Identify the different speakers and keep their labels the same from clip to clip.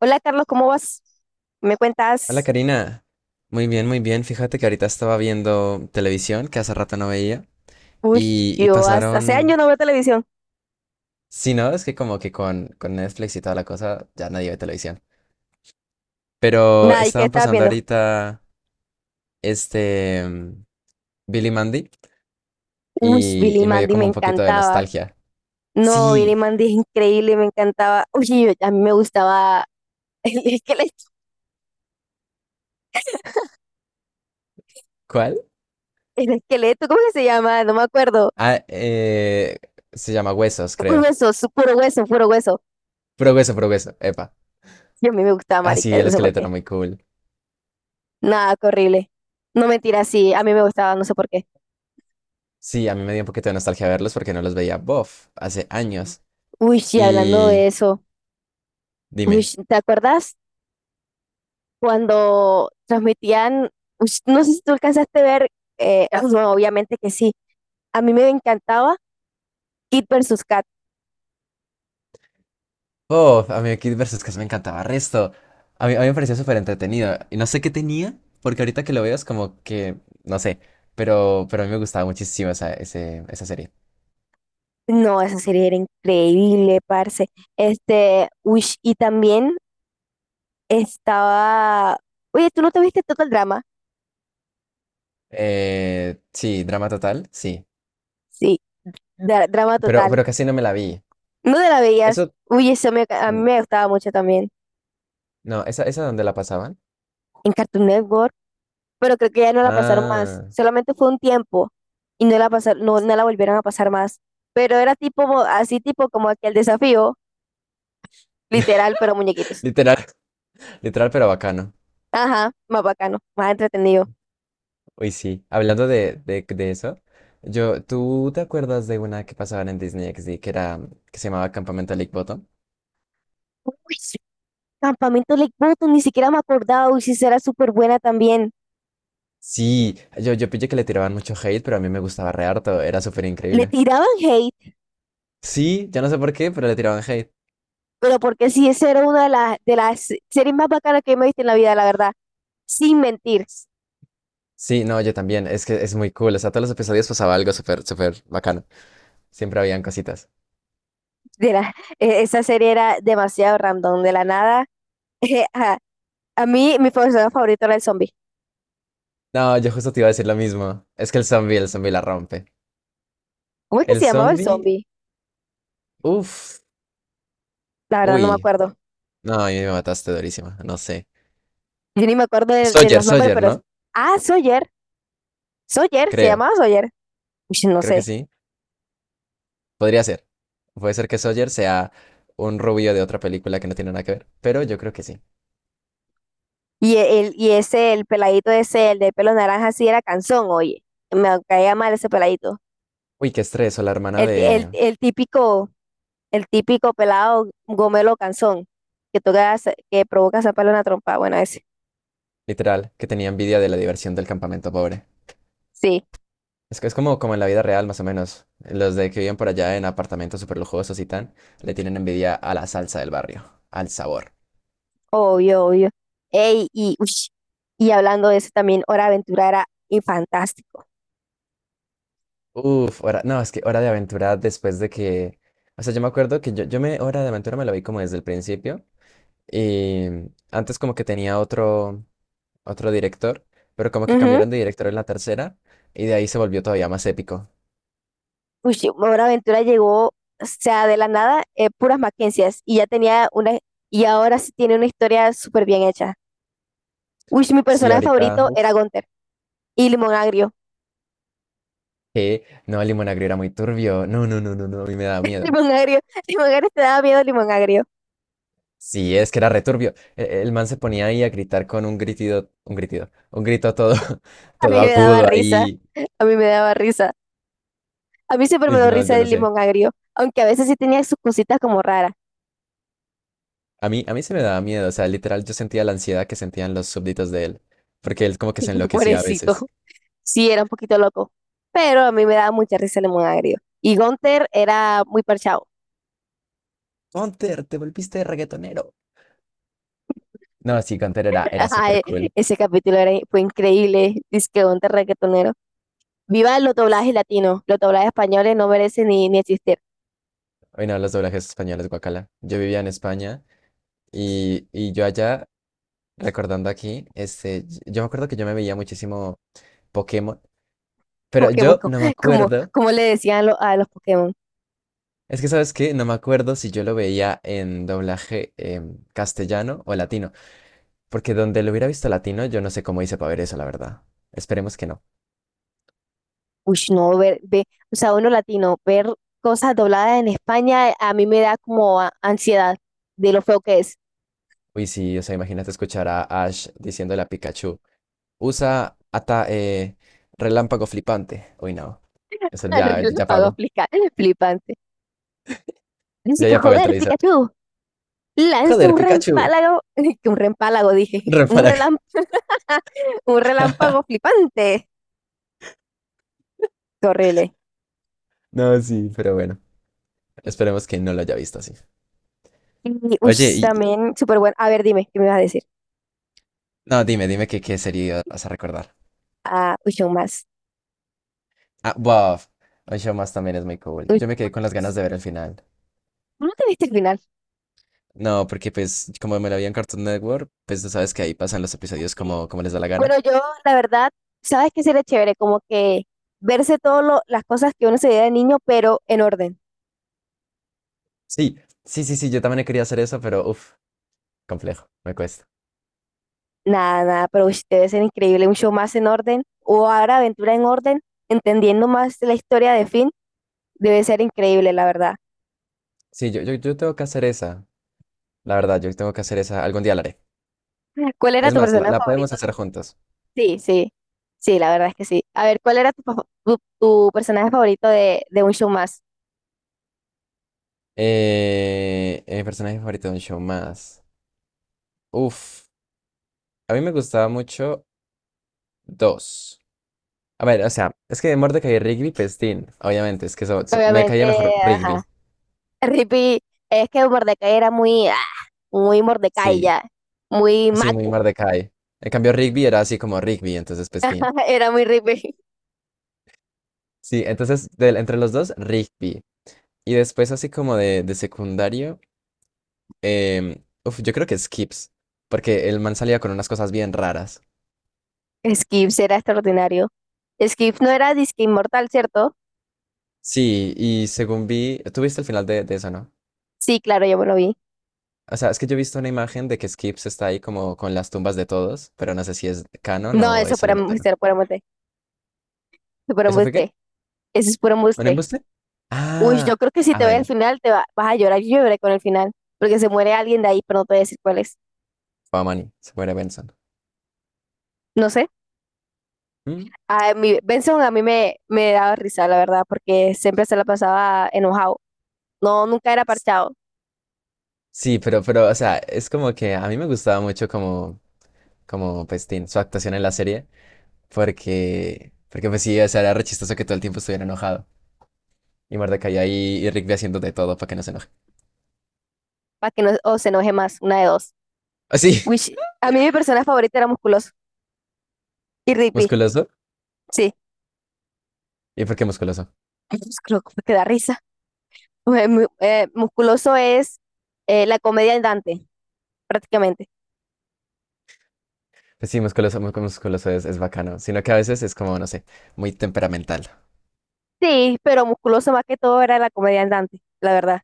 Speaker 1: Hola, Carlos, ¿cómo vas? ¿Me
Speaker 2: Hola
Speaker 1: cuentas?
Speaker 2: Karina, muy bien, muy bien. Fíjate que ahorita estaba viendo televisión que hace rato no veía
Speaker 1: Uy,
Speaker 2: y
Speaker 1: yo hace
Speaker 2: pasaron,
Speaker 1: años no veo televisión.
Speaker 2: si no, es que como que con Netflix y toda la cosa ya nadie ve televisión. Pero
Speaker 1: Nada, ¿y qué
Speaker 2: estaban
Speaker 1: estabas
Speaker 2: pasando
Speaker 1: viendo?
Speaker 2: ahorita este mm, Billy Mandy
Speaker 1: Uy,
Speaker 2: y,
Speaker 1: Billy
Speaker 2: y me dio
Speaker 1: Mandy me
Speaker 2: como un poquito de
Speaker 1: encantaba.
Speaker 2: nostalgia.
Speaker 1: No, Billy
Speaker 2: Sí,
Speaker 1: Mandy es increíble, me encantaba. Uy, a mí me gustaba el esqueleto,
Speaker 2: ¿cuál?
Speaker 1: el esqueleto, ¿cómo que se llama? No me acuerdo.
Speaker 2: Ah, se llama Huesos,
Speaker 1: Un
Speaker 2: creo.
Speaker 1: hueso, puro hueso, puro hueso.
Speaker 2: Progreso, progreso, epa.
Speaker 1: Y a mí me gustaba,
Speaker 2: Ah, sí,
Speaker 1: marica,
Speaker 2: el
Speaker 1: no sé por
Speaker 2: esqueleto era
Speaker 1: qué.
Speaker 2: muy cool.
Speaker 1: Nada, qué horrible. No mentira, sí, a mí me gustaba, no sé por qué.
Speaker 2: Sí, a mí me dio un poquito de nostalgia verlos porque no los veía, bof, hace años.
Speaker 1: Uy, sí, hablando de
Speaker 2: Y
Speaker 1: eso. Uy,
Speaker 2: dime,
Speaker 1: ¿te acuerdas cuando transmitían? Ush, no sé si tú alcanzaste a ver, no, obviamente que sí, a mí me encantaba Kid versus Kat.
Speaker 2: oh, a mí Kid vs. Cass me encantaba resto. A mí me parecía súper entretenido. Y no sé qué tenía, porque ahorita que lo veo es como que, no sé, pero a mí me gustaba muchísimo esa, esa serie.
Speaker 1: No, esa serie era increíble, parce. Ush, y también estaba, oye, ¿tú no te viste Total Drama?
Speaker 2: Sí, drama total, sí.
Speaker 1: Sí, drama
Speaker 2: Pero,
Speaker 1: total.
Speaker 2: pero casi no me la vi.
Speaker 1: ¿No te la veías?
Speaker 2: Eso,
Speaker 1: Uy, a mí
Speaker 2: mm,
Speaker 1: me gustaba mucho también.
Speaker 2: no, esa donde la pasaban.
Speaker 1: En Cartoon Network, pero creo que ya no la pasaron más.
Speaker 2: Ah,
Speaker 1: Solamente fue un tiempo y no la pasaron, no, no la volvieron a pasar más. Pero era tipo, así tipo como aquel desafío, literal, pero muñequitos.
Speaker 2: literal, literal, pero bacano.
Speaker 1: Ajá, más bacano, más entretenido.
Speaker 2: Uy, sí, hablando de eso, ¿tú te acuerdas de una que pasaban en Disney XD que era, que se llamaba Campamento Lake Bottom?
Speaker 1: Uy, sí, Campamento Lake Bottom, ni siquiera me acordaba, uy, sí, esa era súper buena también.
Speaker 2: Sí, yo pillé que le tiraban mucho hate, pero a mí me gustaba re harto, era súper
Speaker 1: Le
Speaker 2: increíble.
Speaker 1: tiraban hate,
Speaker 2: Sí, yo no sé por qué, pero le tiraban hate.
Speaker 1: pero porque sí, esa era una de las series más bacanas que me he visto en la vida, la verdad. Sin mentir,
Speaker 2: S- Sí, no, yo también, es que es muy cool, o sea, todos los episodios pasaba algo súper, súper bacano, siempre habían cositas.
Speaker 1: de la, esa serie era demasiado random, de la nada. Ajá. A mí, mi personaje favorito era el zombie.
Speaker 2: No, yo justo te iba a decir lo mismo, es que el zombie la rompe.
Speaker 1: ¿Cómo es que
Speaker 2: El
Speaker 1: se llamaba el
Speaker 2: zombie,
Speaker 1: zombie?
Speaker 2: uff,
Speaker 1: La verdad no me
Speaker 2: uy,
Speaker 1: acuerdo.
Speaker 2: no, a mí me mataste durísima, no sé.
Speaker 1: Yo ni me acuerdo de
Speaker 2: Sawyer,
Speaker 1: los nombres,
Speaker 2: Sawyer, ¿no?
Speaker 1: Ah, Sawyer. Sawyer, se
Speaker 2: Creo,
Speaker 1: llamaba Sawyer. Ush, no
Speaker 2: creo que
Speaker 1: sé.
Speaker 2: sí. Podría ser. Puede ser que Sawyer sea un rubio de otra película que no tiene nada que ver, pero yo creo que sí.
Speaker 1: Y ese, el peladito ese, el de pelo naranja, sí era Canzón, oye. Me caía mal ese peladito.
Speaker 2: Uy, qué estrés, o la hermana
Speaker 1: El, ti-
Speaker 2: de...
Speaker 1: el típico pelado gomelo Canzón, que toca, que provoca sacarle una trompa. Bueno, ese.
Speaker 2: Literal, que tenía envidia de la diversión del campamento pobre.
Speaker 1: Sí.
Speaker 2: Es que es como en la vida real, más o menos. Los de que viven por allá en apartamentos súper lujosos y tan, le tienen envidia a la salsa del barrio, al sabor.
Speaker 1: Obvio, obvio. Ey, y hablando de eso también, Hora de Aventura era y fantástico.
Speaker 2: Uf, no, es que Hora de Aventura después de que... O sea, yo me acuerdo que yo me... Hora de Aventura me la vi como desde el principio. Y antes como que tenía otro... otro director, pero como que
Speaker 1: Ujú.
Speaker 2: cambiaron de director en la tercera y de ahí se volvió todavía más épico.
Speaker 1: Ush, Hora de Aventura llegó, o sea, de la nada, puras Mackenzie's y ya tenía una, y ahora sí tiene una historia súper bien hecha. Uy, mi
Speaker 2: Sí,
Speaker 1: personaje
Speaker 2: ahorita,
Speaker 1: favorito era
Speaker 2: uf,
Speaker 1: Gunther y Limón Agrio.
Speaker 2: que no, el limonagrio era muy turbio. No, no, no, no, no, a mí me daba miedo.
Speaker 1: Limón Agrio, Limón Agrio te daba miedo, Limón Agrio.
Speaker 2: Sí, es que era returbio. El man se ponía ahí a gritar con un gritido, un gritido, un grito todo,
Speaker 1: A
Speaker 2: todo
Speaker 1: mí me daba
Speaker 2: agudo
Speaker 1: risa,
Speaker 2: ahí.
Speaker 1: a mí me daba risa. A mí siempre me
Speaker 2: Uy,
Speaker 1: dio
Speaker 2: no,
Speaker 1: risa
Speaker 2: yo no
Speaker 1: el
Speaker 2: sé.
Speaker 1: limón agrio, aunque a veces sí tenía sus cositas como raras.
Speaker 2: A mí se me daba miedo, o sea, literal yo sentía la ansiedad que sentían los súbditos de él, porque él como que se enloquecía a
Speaker 1: Pobrecito,
Speaker 2: veces.
Speaker 1: sí era un poquito loco, pero a mí me daba mucha risa el limón agrio. Y Gunther era muy parchado.
Speaker 2: Gunter, te volviste reggaetonero. No, sí, Gunter era, era
Speaker 1: Ajá,
Speaker 2: súper cool.
Speaker 1: ese capítulo era, fue increíble. Dice que Gunther reggaetonero. Viva los doblajes latinos. Los doblajes españoles no merecen ni existir.
Speaker 2: Hoy no, los doblajes españoles, guacala. Yo vivía en España y yo allá, recordando aquí, yo me acuerdo que yo me veía muchísimo Pokémon, pero
Speaker 1: Pokémon,
Speaker 2: yo
Speaker 1: co-
Speaker 2: no me
Speaker 1: como,
Speaker 2: acuerdo,
Speaker 1: como le decían a los Pokémon.
Speaker 2: es que sabes qué, no me acuerdo si yo lo veía en doblaje castellano o latino, porque donde lo hubiera visto latino, yo no sé cómo hice para ver eso, la verdad. Esperemos que no.
Speaker 1: Uy, no, o sea, uno latino, ver cosas dobladas en España a mí me da como ansiedad de lo feo que es.
Speaker 2: Uy, sí, o sea, imagínate escuchar a Ash diciéndole a Pikachu, usa ata relámpago flipante. Uy, no, eso ya, ya
Speaker 1: Relámpago
Speaker 2: pago,
Speaker 1: flipante. Dice
Speaker 2: ya
Speaker 1: que
Speaker 2: ya pago el
Speaker 1: joder,
Speaker 2: televisor.
Speaker 1: Pikachu, lanza
Speaker 2: Joder,
Speaker 1: un
Speaker 2: Pikachu,
Speaker 1: reempálago, que un reempálago dije,
Speaker 2: ven para acá.
Speaker 1: un relámpago flipante. Qué horrible.
Speaker 2: No, sí, pero bueno, esperemos que no lo haya visto así.
Speaker 1: Y uy,
Speaker 2: Oye, y
Speaker 1: también súper bueno. A ver, dime, ¿qué me vas a decir?
Speaker 2: no, dime, dime qué serie vas a recordar.
Speaker 1: Ah, uy, aún más.
Speaker 2: Ah, Buff. Un show más también es muy cool.
Speaker 1: Uy,
Speaker 2: Yo me quedé con las ganas de ver el final.
Speaker 1: ¿tú no te viste el final?
Speaker 2: No, porque pues como me lo vi en Cartoon Network, pues tú sabes que ahí pasan los episodios
Speaker 1: Sí.
Speaker 2: como les da la
Speaker 1: Bueno,
Speaker 2: gana.
Speaker 1: yo, la verdad, ¿sabes qué sería chévere? Como que verse todas las cosas que uno se veía de niño, pero en orden.
Speaker 2: Sí, sí, sí, sí, yo también quería hacer eso, pero uff, complejo, me cuesta.
Speaker 1: Nada, nada, pero ush, debe ser increíble un show más en orden o Ahora Aventura en Orden, entendiendo más la historia de Finn, debe ser increíble, la verdad.
Speaker 2: Sí, yo tengo que hacer esa. La verdad, yo tengo que hacer esa. Algún día la haré.
Speaker 1: ¿Cuál era
Speaker 2: Es
Speaker 1: tu
Speaker 2: más, la,
Speaker 1: personaje
Speaker 2: la podemos
Speaker 1: favorito?
Speaker 2: hacer juntos.
Speaker 1: Sí, sí, sí, la verdad es que sí. A ver, ¿cuál era tu personaje favorito de un show más?
Speaker 2: Personaje favorito de un show más. Uf, a mí me gustaba mucho dos. A ver, o sea, es que de Mordecai y Rigby, pues, tin, obviamente, es que me
Speaker 1: Obviamente,
Speaker 2: caía mejor
Speaker 1: ajá.
Speaker 2: Rigby.
Speaker 1: Rippy, es que Mordecai era muy Mordecai
Speaker 2: Sí,
Speaker 1: ya, muy
Speaker 2: así muy
Speaker 1: Maco,
Speaker 2: Mordecai. En cambio, Rigby era así como Rigby, entonces, pues, tin.
Speaker 1: era muy Rippy.
Speaker 2: Sí, entonces, entre los dos, Rigby. Y después, así como de secundario, uf, yo creo que Skips, porque el man salía con unas cosas bien raras.
Speaker 1: Skips era extraordinario. Skips no era disque inmortal, ¿cierto?
Speaker 2: Sí, y según vi, tú viste el final de eso, ¿no?
Speaker 1: Sí, claro, yo me lo vi.
Speaker 2: O sea, es que yo he visto una imagen de que Skips está ahí como con las tumbas de todos, pero no sé si es canon
Speaker 1: No,
Speaker 2: o
Speaker 1: eso
Speaker 2: eso lo inventaron.
Speaker 1: para
Speaker 2: ¿Eso fue qué?
Speaker 1: embuste, eso es puro
Speaker 2: ¿Un
Speaker 1: embuste.
Speaker 2: embuste?
Speaker 1: Uy,
Speaker 2: Ah,
Speaker 1: yo creo que si
Speaker 2: ah,
Speaker 1: te ve el
Speaker 2: bueno,
Speaker 1: final vas a llorar, yo lloré con el final, porque se muere alguien de ahí, pero no te voy a decir cuál es.
Speaker 2: fue a Manny, se muere Benson.
Speaker 1: No sé.
Speaker 2: Mm.
Speaker 1: A mí, Benson a mí me daba risa, la verdad, porque siempre se la pasaba enojado. No, nunca era
Speaker 2: S-
Speaker 1: parchado,
Speaker 2: Sí, pero, o sea, es como que a mí me gustaba mucho como Pestín, su actuación en la serie, porque pues sí, o sea, era re chistoso que todo el tiempo estuviera enojado. Y Mordecai ahí y Rigby haciendo de todo para que no se enoje.
Speaker 1: para que no o se enoje más, una de dos.
Speaker 2: Así,
Speaker 1: Uy, a mí mi persona favorita era Musculoso y Rigby,
Speaker 2: musculoso.
Speaker 1: sí.
Speaker 2: ¿Y por qué musculoso?
Speaker 1: Pues creo que da risa. Musculoso es la comedia andante, prácticamente.
Speaker 2: Pues sí, musculoso, muy musculoso es bacano, sino que a veces es como, no sé, muy temperamental.
Speaker 1: Sí, pero musculoso más que todo era la comedia andante, la verdad,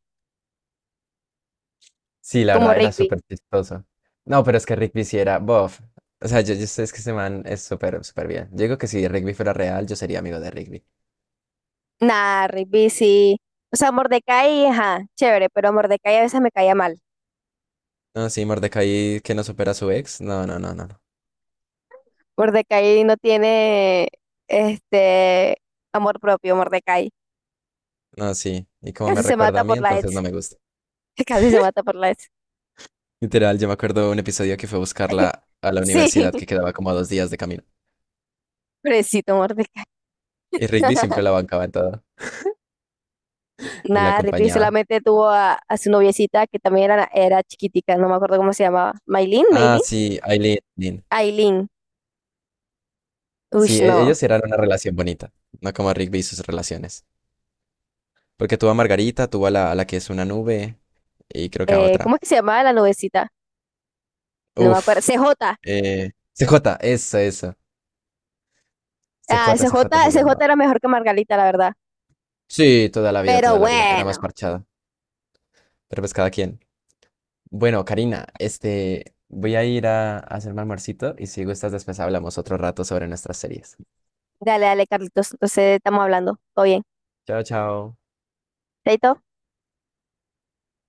Speaker 2: Sí, la
Speaker 1: como
Speaker 2: verdad, era
Speaker 1: Rigby.
Speaker 2: súper chistoso. No, pero es que Rigby sí era bof. O sea, yo sé es que ese man es súper, súper bien. Yo digo que si Rigby fuera real, yo sería amigo de Rigby.
Speaker 1: Nah, Rigby sí. O sea, Mordecai, ajá, chévere, pero Mordecai a veces me caía mal.
Speaker 2: No, sí, Mordecai que no supera a su ex. No, no, no, no. No,
Speaker 1: Mordecai no tiene este amor propio, Mordecai.
Speaker 2: no, sí. Y como me
Speaker 1: Casi se
Speaker 2: recuerda
Speaker 1: mata
Speaker 2: a mí,
Speaker 1: por la
Speaker 2: entonces no
Speaker 1: ex.
Speaker 2: me gusta.
Speaker 1: Casi se mata por la ex.
Speaker 2: Literal, yo me acuerdo un episodio que fue a buscarla a la
Speaker 1: Sí,
Speaker 2: universidad que quedaba como a 2 días de camino.
Speaker 1: pobrecito Mordecai.
Speaker 2: Y Rigby siempre la bancaba en todo y la
Speaker 1: Nada, Rigby
Speaker 2: acompañaba.
Speaker 1: solamente tuvo a su noviecita que también era chiquitica, no me acuerdo cómo se llamaba. ¿Maylin?
Speaker 2: Ah,
Speaker 1: ¿Maylin?
Speaker 2: sí, Aileen.
Speaker 1: Aileen. Uy,
Speaker 2: Sí,
Speaker 1: no.
Speaker 2: ellos eran una relación bonita, no como Rigby y sus relaciones. Porque tuvo a Margarita, tuvo a la que es una nube y creo que a otra.
Speaker 1: ¿Cómo es que se llamaba la noviecita? No me acuerdo.
Speaker 2: Uf,
Speaker 1: CJ.
Speaker 2: CJ, eso, eso.
Speaker 1: Ah,
Speaker 2: CJ,
Speaker 1: CJ,
Speaker 2: CJ se
Speaker 1: CJ
Speaker 2: llamaba.
Speaker 1: era mejor que Margarita, la verdad.
Speaker 2: Sí, toda la vida,
Speaker 1: Pero
Speaker 2: toda la vida. Era más
Speaker 1: bueno.
Speaker 2: parchada. Pero pues cada quien. Bueno, Karina, voy a ir a hacerme almuercito y si gustas después hablamos otro rato sobre nuestras series.
Speaker 1: Dale, dale, Carlitos. Entonces estamos hablando. Todo bien.
Speaker 2: Chao, chao.
Speaker 1: Chaito.